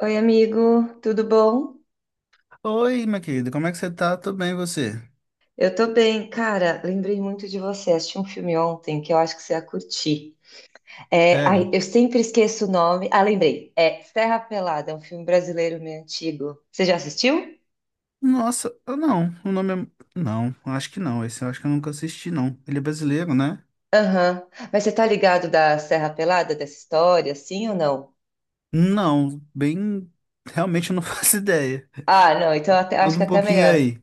Oi, amigo, tudo bom? Oi, minha querida, como é que você tá? Tudo bem, e você? Eu tô bem, cara. Lembrei muito de você. Assisti um filme ontem que eu acho que você ia curtir. Sério? Eu sempre esqueço o nome. Ah, lembrei. É Serra Pelada, é um filme brasileiro meio antigo. Você já assistiu? Nossa, eu não, o nome é... Não, acho que não, esse eu acho que eu nunca assisti, não. Ele é brasileiro, né? Aham. Mas você tá ligado da Serra Pelada, dessa história, sim ou não? Não, bem... Realmente eu não faço ideia. Ah, não, acho Conta que é um até pouquinho melhor. aí.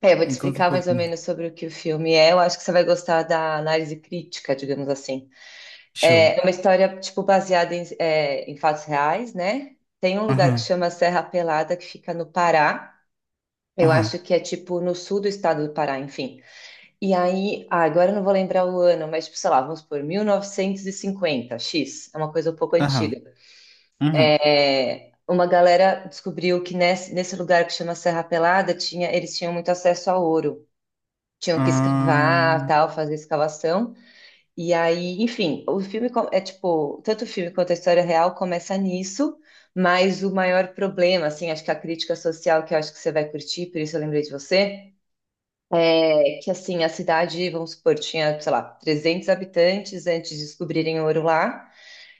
É, eu vou te Conta um explicar mais ou pouquinho. menos sobre o que o filme é. Eu acho que você vai gostar da análise crítica, digamos assim. Show. É uma história, tipo, baseada em fatos reais, né? Tem um lugar que Aham, chama Serra Pelada, que fica no Pará. Eu acho aham, que é, tipo, no sul do estado do Pará, enfim. Agora eu não vou lembrar o ano, mas, tipo, sei lá, vamos por 1950, X. É uma coisa um pouco aham, antiga. aham, É, uma galera descobriu que nesse lugar que chama Serra Pelada, tinha, eles tinham muito acesso a ouro. Tinham que escavar, aham, tal, fazer escavação. E aí, enfim, é tipo, tanto o filme quanto a história real começa nisso, mas o maior problema, assim, acho que a crítica social que eu acho que você vai curtir, por isso eu lembrei de você, é que assim, a cidade, vamos supor, tinha, sei lá, 300 habitantes antes de descobrirem ouro lá.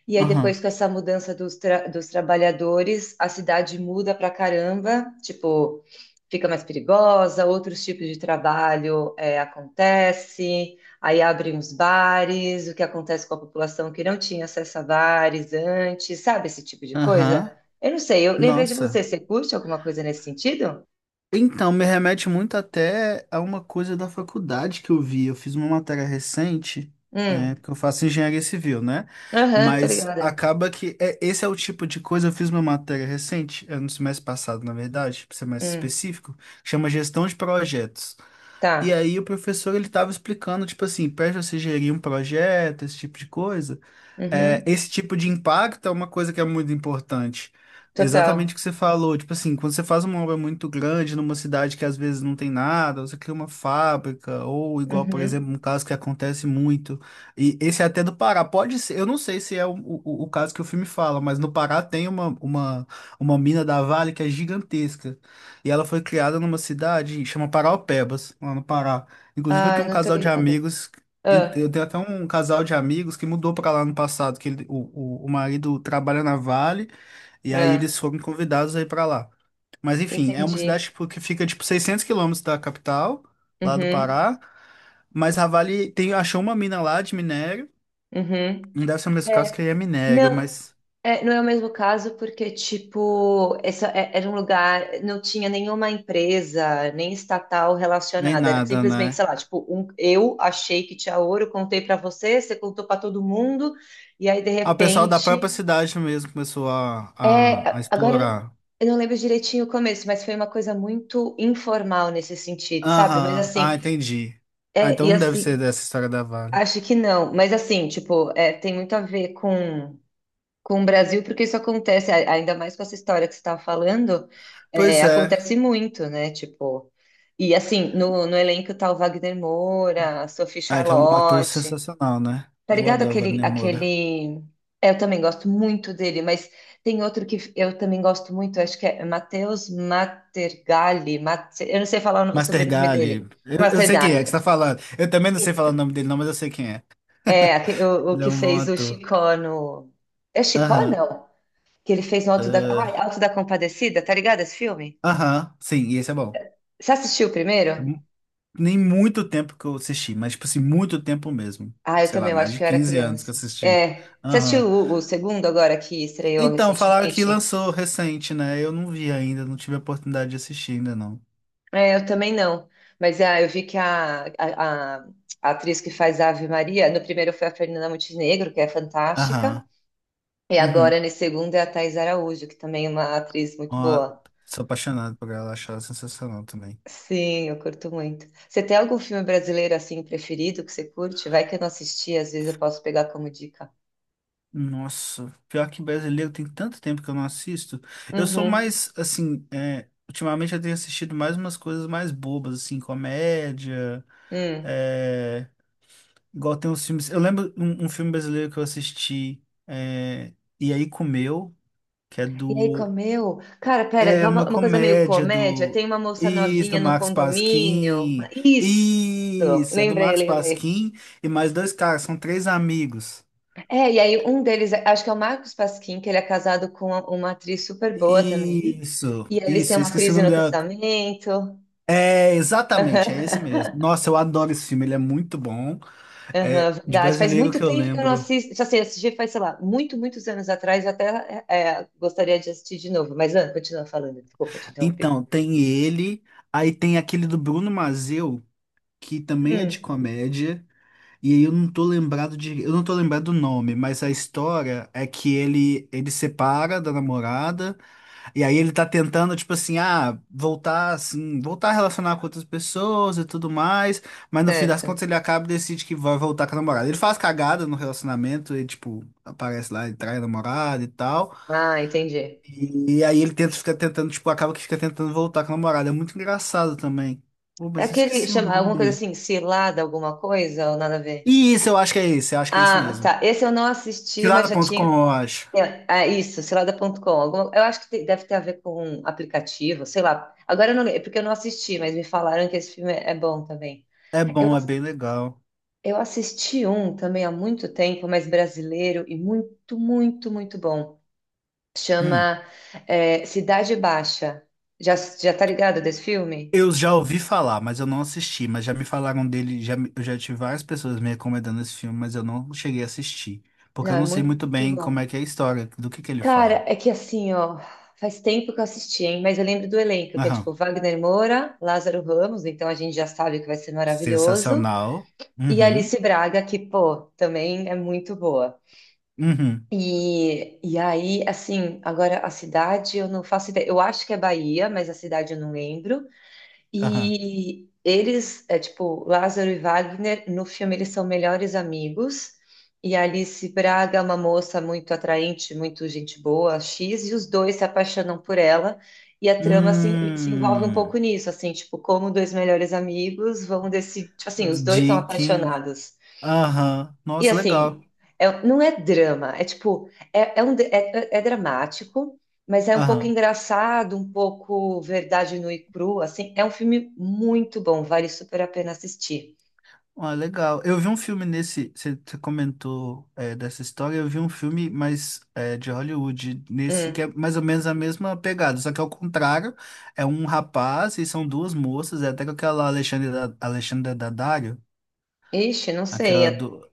E aí, aham, depois com essa mudança dos trabalhadores, a cidade muda pra caramba, tipo, fica mais perigosa, outros tipos de trabalho acontece, aí abrem os bares, o que acontece com a população que não tinha acesso a bares antes, sabe esse tipo de coisa? aham. Eu não sei, eu lembrei de você, Nossa. você curte alguma coisa nesse sentido? Então, me remete muito até a uma coisa da faculdade que eu vi. Eu fiz uma matéria recente, Hum, é, porque eu faço engenharia civil, né? aham, tô Mas ligada. acaba que é, esse é o tipo de coisa. Eu fiz uma matéria recente, é, no semestre passado, na verdade, para ser mais Hum, específico, que chama gestão de projetos. E tá. aí o professor ele estava explicando, tipo assim, para você gerir um projeto, esse tipo de coisa é, Uhum, esse tipo de impacto é uma coisa que é muito importante. Exatamente o total. que você falou. Tipo assim, quando você faz uma obra muito grande numa cidade que às vezes não tem nada, você cria uma fábrica, ou igual, por exemplo, Uhum. um caso que acontece muito. E esse é até do Pará. Pode ser, eu não sei se é o caso que o filme fala, mas no Pará tem uma mina da Vale que é gigantesca. E ela foi criada numa cidade, chama Paraopebas, lá no Pará. Inclusive, eu Ai, tenho um não tô casal de ligada. amigos. Eu Ah, tenho até um casal de amigos que mudou pra lá no passado, que ele- o marido trabalha na Vale, e aí ah. eles foram convidados aí pra lá. Mas enfim, é uma cidade Entendi. tipo, que fica tipo 600 quilômetros da capital, lá do Uhum, Pará, mas a Vale tem, achou uma mina lá de minério, uhum. não deve ser o mesmo caso que É, aí é minério, não, mas é, não é o mesmo caso porque, tipo, era um lugar, não tinha nenhuma empresa, nem estatal nem relacionada, era nada, simplesmente, né? sei lá, tipo, um, eu achei que tinha ouro, contei pra você, você contou pra todo mundo, e aí, de Ah, o pessoal da própria repente, cidade mesmo começou a, a, a agora, explorar. eu não lembro direitinho o começo, mas foi uma coisa muito informal nesse sentido, sabe? Mas Aham, ah, assim, entendi. Ah, é, então e não deve ser assim, dessa história da Vale. acho que não, mas assim, tipo, é, tem muito a ver com o Brasil, porque isso acontece, ainda mais com essa história que você estava falando, é, Pois é. acontece muito, né? Tipo, e assim, no elenco tá o Wagner Moura, a Sophie Ah, que é um ator Charlotte, sensacional, né? tá Eu ligado? adoro Aquele, Wagner Moura. aquele. É, eu também gosto muito dele, mas tem outro que eu também gosto muito, acho que é Matheus Matergalli, eu não sei falar o sobrenome dele, Mastergali, eu sei quem é que você Matergalli. tá falando. Eu também não sei Isso. falar o nome dele, não, mas eu sei quem é. É, o Ele é que um bom fez o ator. Chicó no. É Chicó, Aham. não? Que ele fez no Ah, Alto da Compadecida, tá ligado esse filme? aham, sim, e esse é bom. Você assistiu o primeiro? Eu- Nem muito tempo que eu assisti, mas, tipo assim, muito tempo mesmo. Ah, eu Sei lá, também, eu mais acho de que eu era 15 anos que eu criança. assisti. É. Você Aham. assistiu o segundo agora que estreou Então, falaram que recentemente? lançou recente, né? Eu não vi ainda, não tive a oportunidade de assistir ainda, não. É, eu também não. Mas eu vi que a atriz que faz a Ave Maria, no primeiro foi a Fernanda Montenegro, que é fantástica. Aham. E Uhum. agora, nesse segundo, é a Thais Araújo, que também é uma atriz Ó, muito boa. sou apaixonado por ela, acho ela sensacional também. Sim, eu curto muito. Você tem algum filme brasileiro assim preferido que você curte? Vai que eu não assisti, às vezes eu posso pegar como dica. Nossa, pior que brasileiro tem tanto tempo que eu não assisto. Eu sou Uhum. mais, assim, é, ultimamente eu tenho assistido mais umas coisas mais bobas, assim, comédia, Hum. é, igual tem uns filmes. Eu lembro um filme brasileiro que eu assisti, é, E aí Comeu, que é E aí, do. comeu? Cara, pera, É é uma uma coisa meio comédia comédia. do. Tem uma moça Isso, do novinha no Max condomínio. Pasquim. Isso! Isso, é do Lembrei, Max lembrei. Pasquim e mais dois caras, são três amigos. É, e aí um deles, acho que é o Marcos Pasquim, que ele é casado com uma atriz super boa também. Isso, E aí eles têm isso, eu uma esqueci o crise nome no dela. casamento. É, exatamente, é esse mesmo. Nossa, eu adoro esse filme, ele é muito bom. Aham, É de verdade. Faz brasileiro muito que eu tempo que eu não lembro. assisto. Assim, assisti faz, sei lá, muito, muitos anos atrás. Gostaria de assistir de novo. Mas, Ana, continua falando. Desculpa te interromper. Então, tem ele, aí tem aquele do Bruno Mazzeu, que também é de Hum, comédia, e aí eu não tô lembrado de, eu não tô lembrado do nome, mas a história é que ele separa da namorada. E aí ele tá tentando, tipo assim, ah, voltar assim, voltar a relacionar com outras pessoas e tudo mais, mas no fim das contas certo. ele acaba e decide que vai voltar com a namorada. Ele faz cagada no relacionamento e, tipo, aparece lá e trai a namorada e tal. Ah, entendi. E aí ele tenta ficar tentando, tipo, acaba que fica tentando voltar com a namorada. É muito engraçado também. Pô, É mas eu aquele, esqueci o chama alguma coisa nome. assim, cilada, alguma coisa ou nada a ver? E isso, eu acho que é isso, eu acho que é isso Ah, mesmo. tá. Esse eu não assisti, mas já Cilada.com, tinha. eu acho. É, ah, isso, cilada.com. Alguma... Eu acho que te- deve ter a ver com um aplicativo, sei lá. Agora eu não lembro, porque eu não assisti, mas me falaram que esse filme é bom também. É bom, é bem legal. Eu assisti um também há muito tempo, mas brasileiro e muito, muito, muito bom. Hum. Chama Cidade Baixa. Já tá ligado desse filme? Eu já ouvi falar, mas eu não assisti, mas já me falaram dele, já, eu já tive várias pessoas me recomendando esse filme, mas eu não cheguei a assistir, porque Não, eu é não sei muito muito bem como é bom. que é a história, do que ele Cara, fala. é que assim, ó, faz tempo que eu assisti, hein? Mas eu lembro do elenco, que é Aham. tipo Wagner Moura, Lázaro Ramos, então a gente já sabe que vai ser maravilhoso. Sensacional. E Uhum. Alice Braga, que, pô, também é muito boa. Uhum. Assim, agora a cidade eu não faço ideia. Eu acho que é Bahia, mas a cidade eu não lembro. Aham. E eles, é tipo, Lázaro e Wagner, no filme eles são melhores amigos. E a Alice Braga é uma moça muito atraente, muito gente boa, X, e os dois se apaixonam por ela. E a trama se envolve um Hum. pouco nisso, assim, tipo, como dois melhores amigos vão decidir. Tipo assim, os dois são De quem? apaixonados. Aham. E Nossa, legal. assim, não é drama, é dramático, mas é um pouco Aham. engraçado, um pouco verdade nua e crua, assim, é um filme muito bom, vale super a pena assistir. Ah, legal. Eu vi um filme nesse. Você comentou é, dessa história. Eu vi um filme, mas é, de Hollywood, nesse que Hum. é mais ou menos a mesma pegada, só que ao contrário, é um rapaz e são duas moças. É até com aquela Alexandra, Alexandra Daddario, Ixi, não sei. aquela do.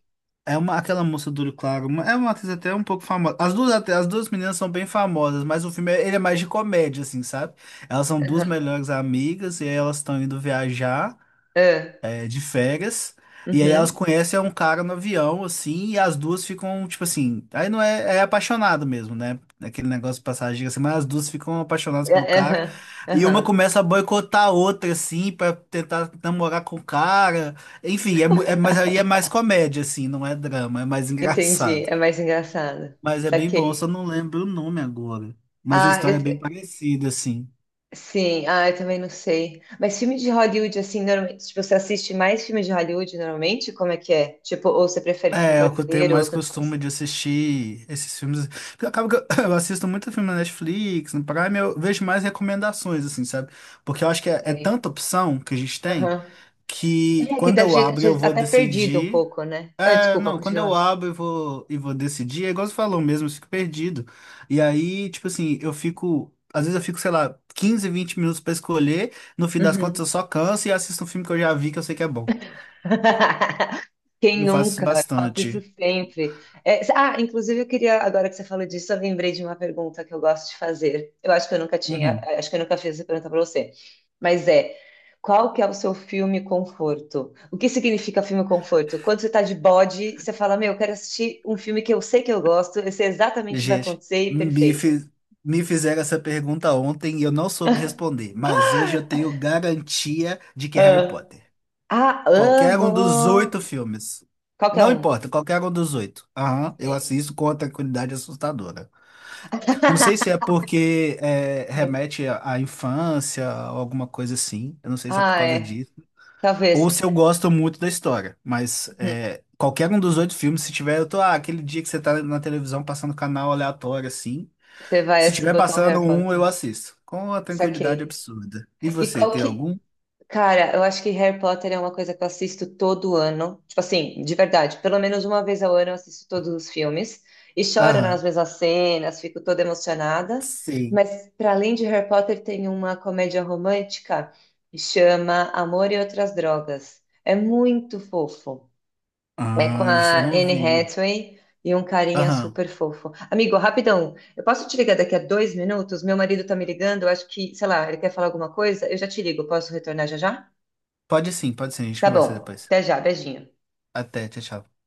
É uma, aquela moça do olho claro. É uma atriz até um pouco famosa. As duas meninas são bem famosas, mas o filme ele é mais de comédia, assim, sabe? Elas são duas Aham, melhores amigas e aí elas estão indo viajar é, é, de férias. E aí elas uhum, conhecem um cara no avião, assim, e as duas ficam, tipo assim, aí não é, é apaixonado mesmo, né? Aquele negócio de passagem, assim, mas as duas ficam apaixonadas é, pelo é, cara. aham, E uma aham. começa a boicotar a outra, assim, pra tentar namorar com o cara. Enfim, é, mas aí é mais comédia, assim, não é drama, é mais Entendi, engraçado. é mais engraçado. Mas é bem bom, só Saquei. não lembro o nome agora. Mas a Ah, história é bem eu, parecida, assim. Sim, ah, eu também não sei. Mas filme de Hollywood, assim, normalmente, tipo, você assiste mais filme de Hollywood normalmente? Como é que é? Tipo, ou você prefere filme É, eu tenho brasileiro, ou mais tanto faz? costume de assistir esses filmes. Porque acaba que eu, eu assisto muito filme na Netflix, no Prime, eu vejo mais recomendações, assim, sabe? Porque eu acho que é, é Sei. tanta opção que a gente tem Aham. que É, que quando deve eu ser abro eu deve vou até perdido um decidir. pouco, né? Ah, É, desculpa, não, quando eu continua. abro eu vou, e vou decidir, é igual você falou mesmo, eu fico perdido. E aí, tipo assim, eu fico. Às vezes eu fico, sei lá, 15, 20 minutos pra escolher, no fim das contas eu Uhum. só canso e assisto um filme que eu já vi que eu sei que é bom. Quem Eu faço isso nunca? Eu faço isso bastante. sempre. Inclusive eu queria, agora que você falou disso, eu lembrei de uma pergunta que eu gosto de fazer. Eu acho que eu nunca tinha, Uhum. eh, acho que eu nunca fiz essa pergunta para você. Mas é, qual que é o seu filme conforto? O que significa filme conforto? Quando você está de bode, você fala, meu, eu quero assistir um filme que eu sei que eu gosto, eu sei exatamente o que vai Gente, acontecer e me, perfeito. fi- me fizeram essa pergunta ontem e eu não soube responder, mas hoje eu tenho garantia de que é Harry Ah, Potter. ah, Qualquer um dos amo! oito filmes. Qualquer Não um. importa, qualquer um dos oito. Aham, eu Sim. assisto com uma tranquilidade assustadora. Não sei se é porque é, remete à infância ou alguma coisa assim. Eu não sei se é por Ah, causa é. disso. Talvez. Ou se eu gosto muito da história. Mas é, qualquer um dos oito filmes, se tiver, eu tô. Ah, aquele dia que você tá na televisão passando canal aleatório assim. Você vai Se tiver botar um passando Harry um, eu Potter. assisto. Com uma tranquilidade Saquei. absurda. E E você, qual tem que. algum? Cara, eu acho que Harry Potter é uma coisa que eu assisto todo ano. Tipo assim, de verdade, pelo menos uma vez ao ano eu assisto todos os filmes. E choro nas Aham. mesmas cenas, fico toda emocionada. Sei. Mas, para além de Harry Potter, tem uma comédia romântica que chama Amor e Outras Drogas. É muito fofo. É com Ah, esse eu a não Anne vi. Hathaway e um carinha Aham. super fofo. Amigo, rapidão, eu posso te ligar daqui a 2 minutos? Meu marido tá me ligando, eu acho que, sei lá, ele quer falar alguma coisa? Eu já te ligo, posso retornar já já? Pode sim, pode sim. A gente Tá conversa bom, depois. até já, beijinho. Até, tchau, tchau.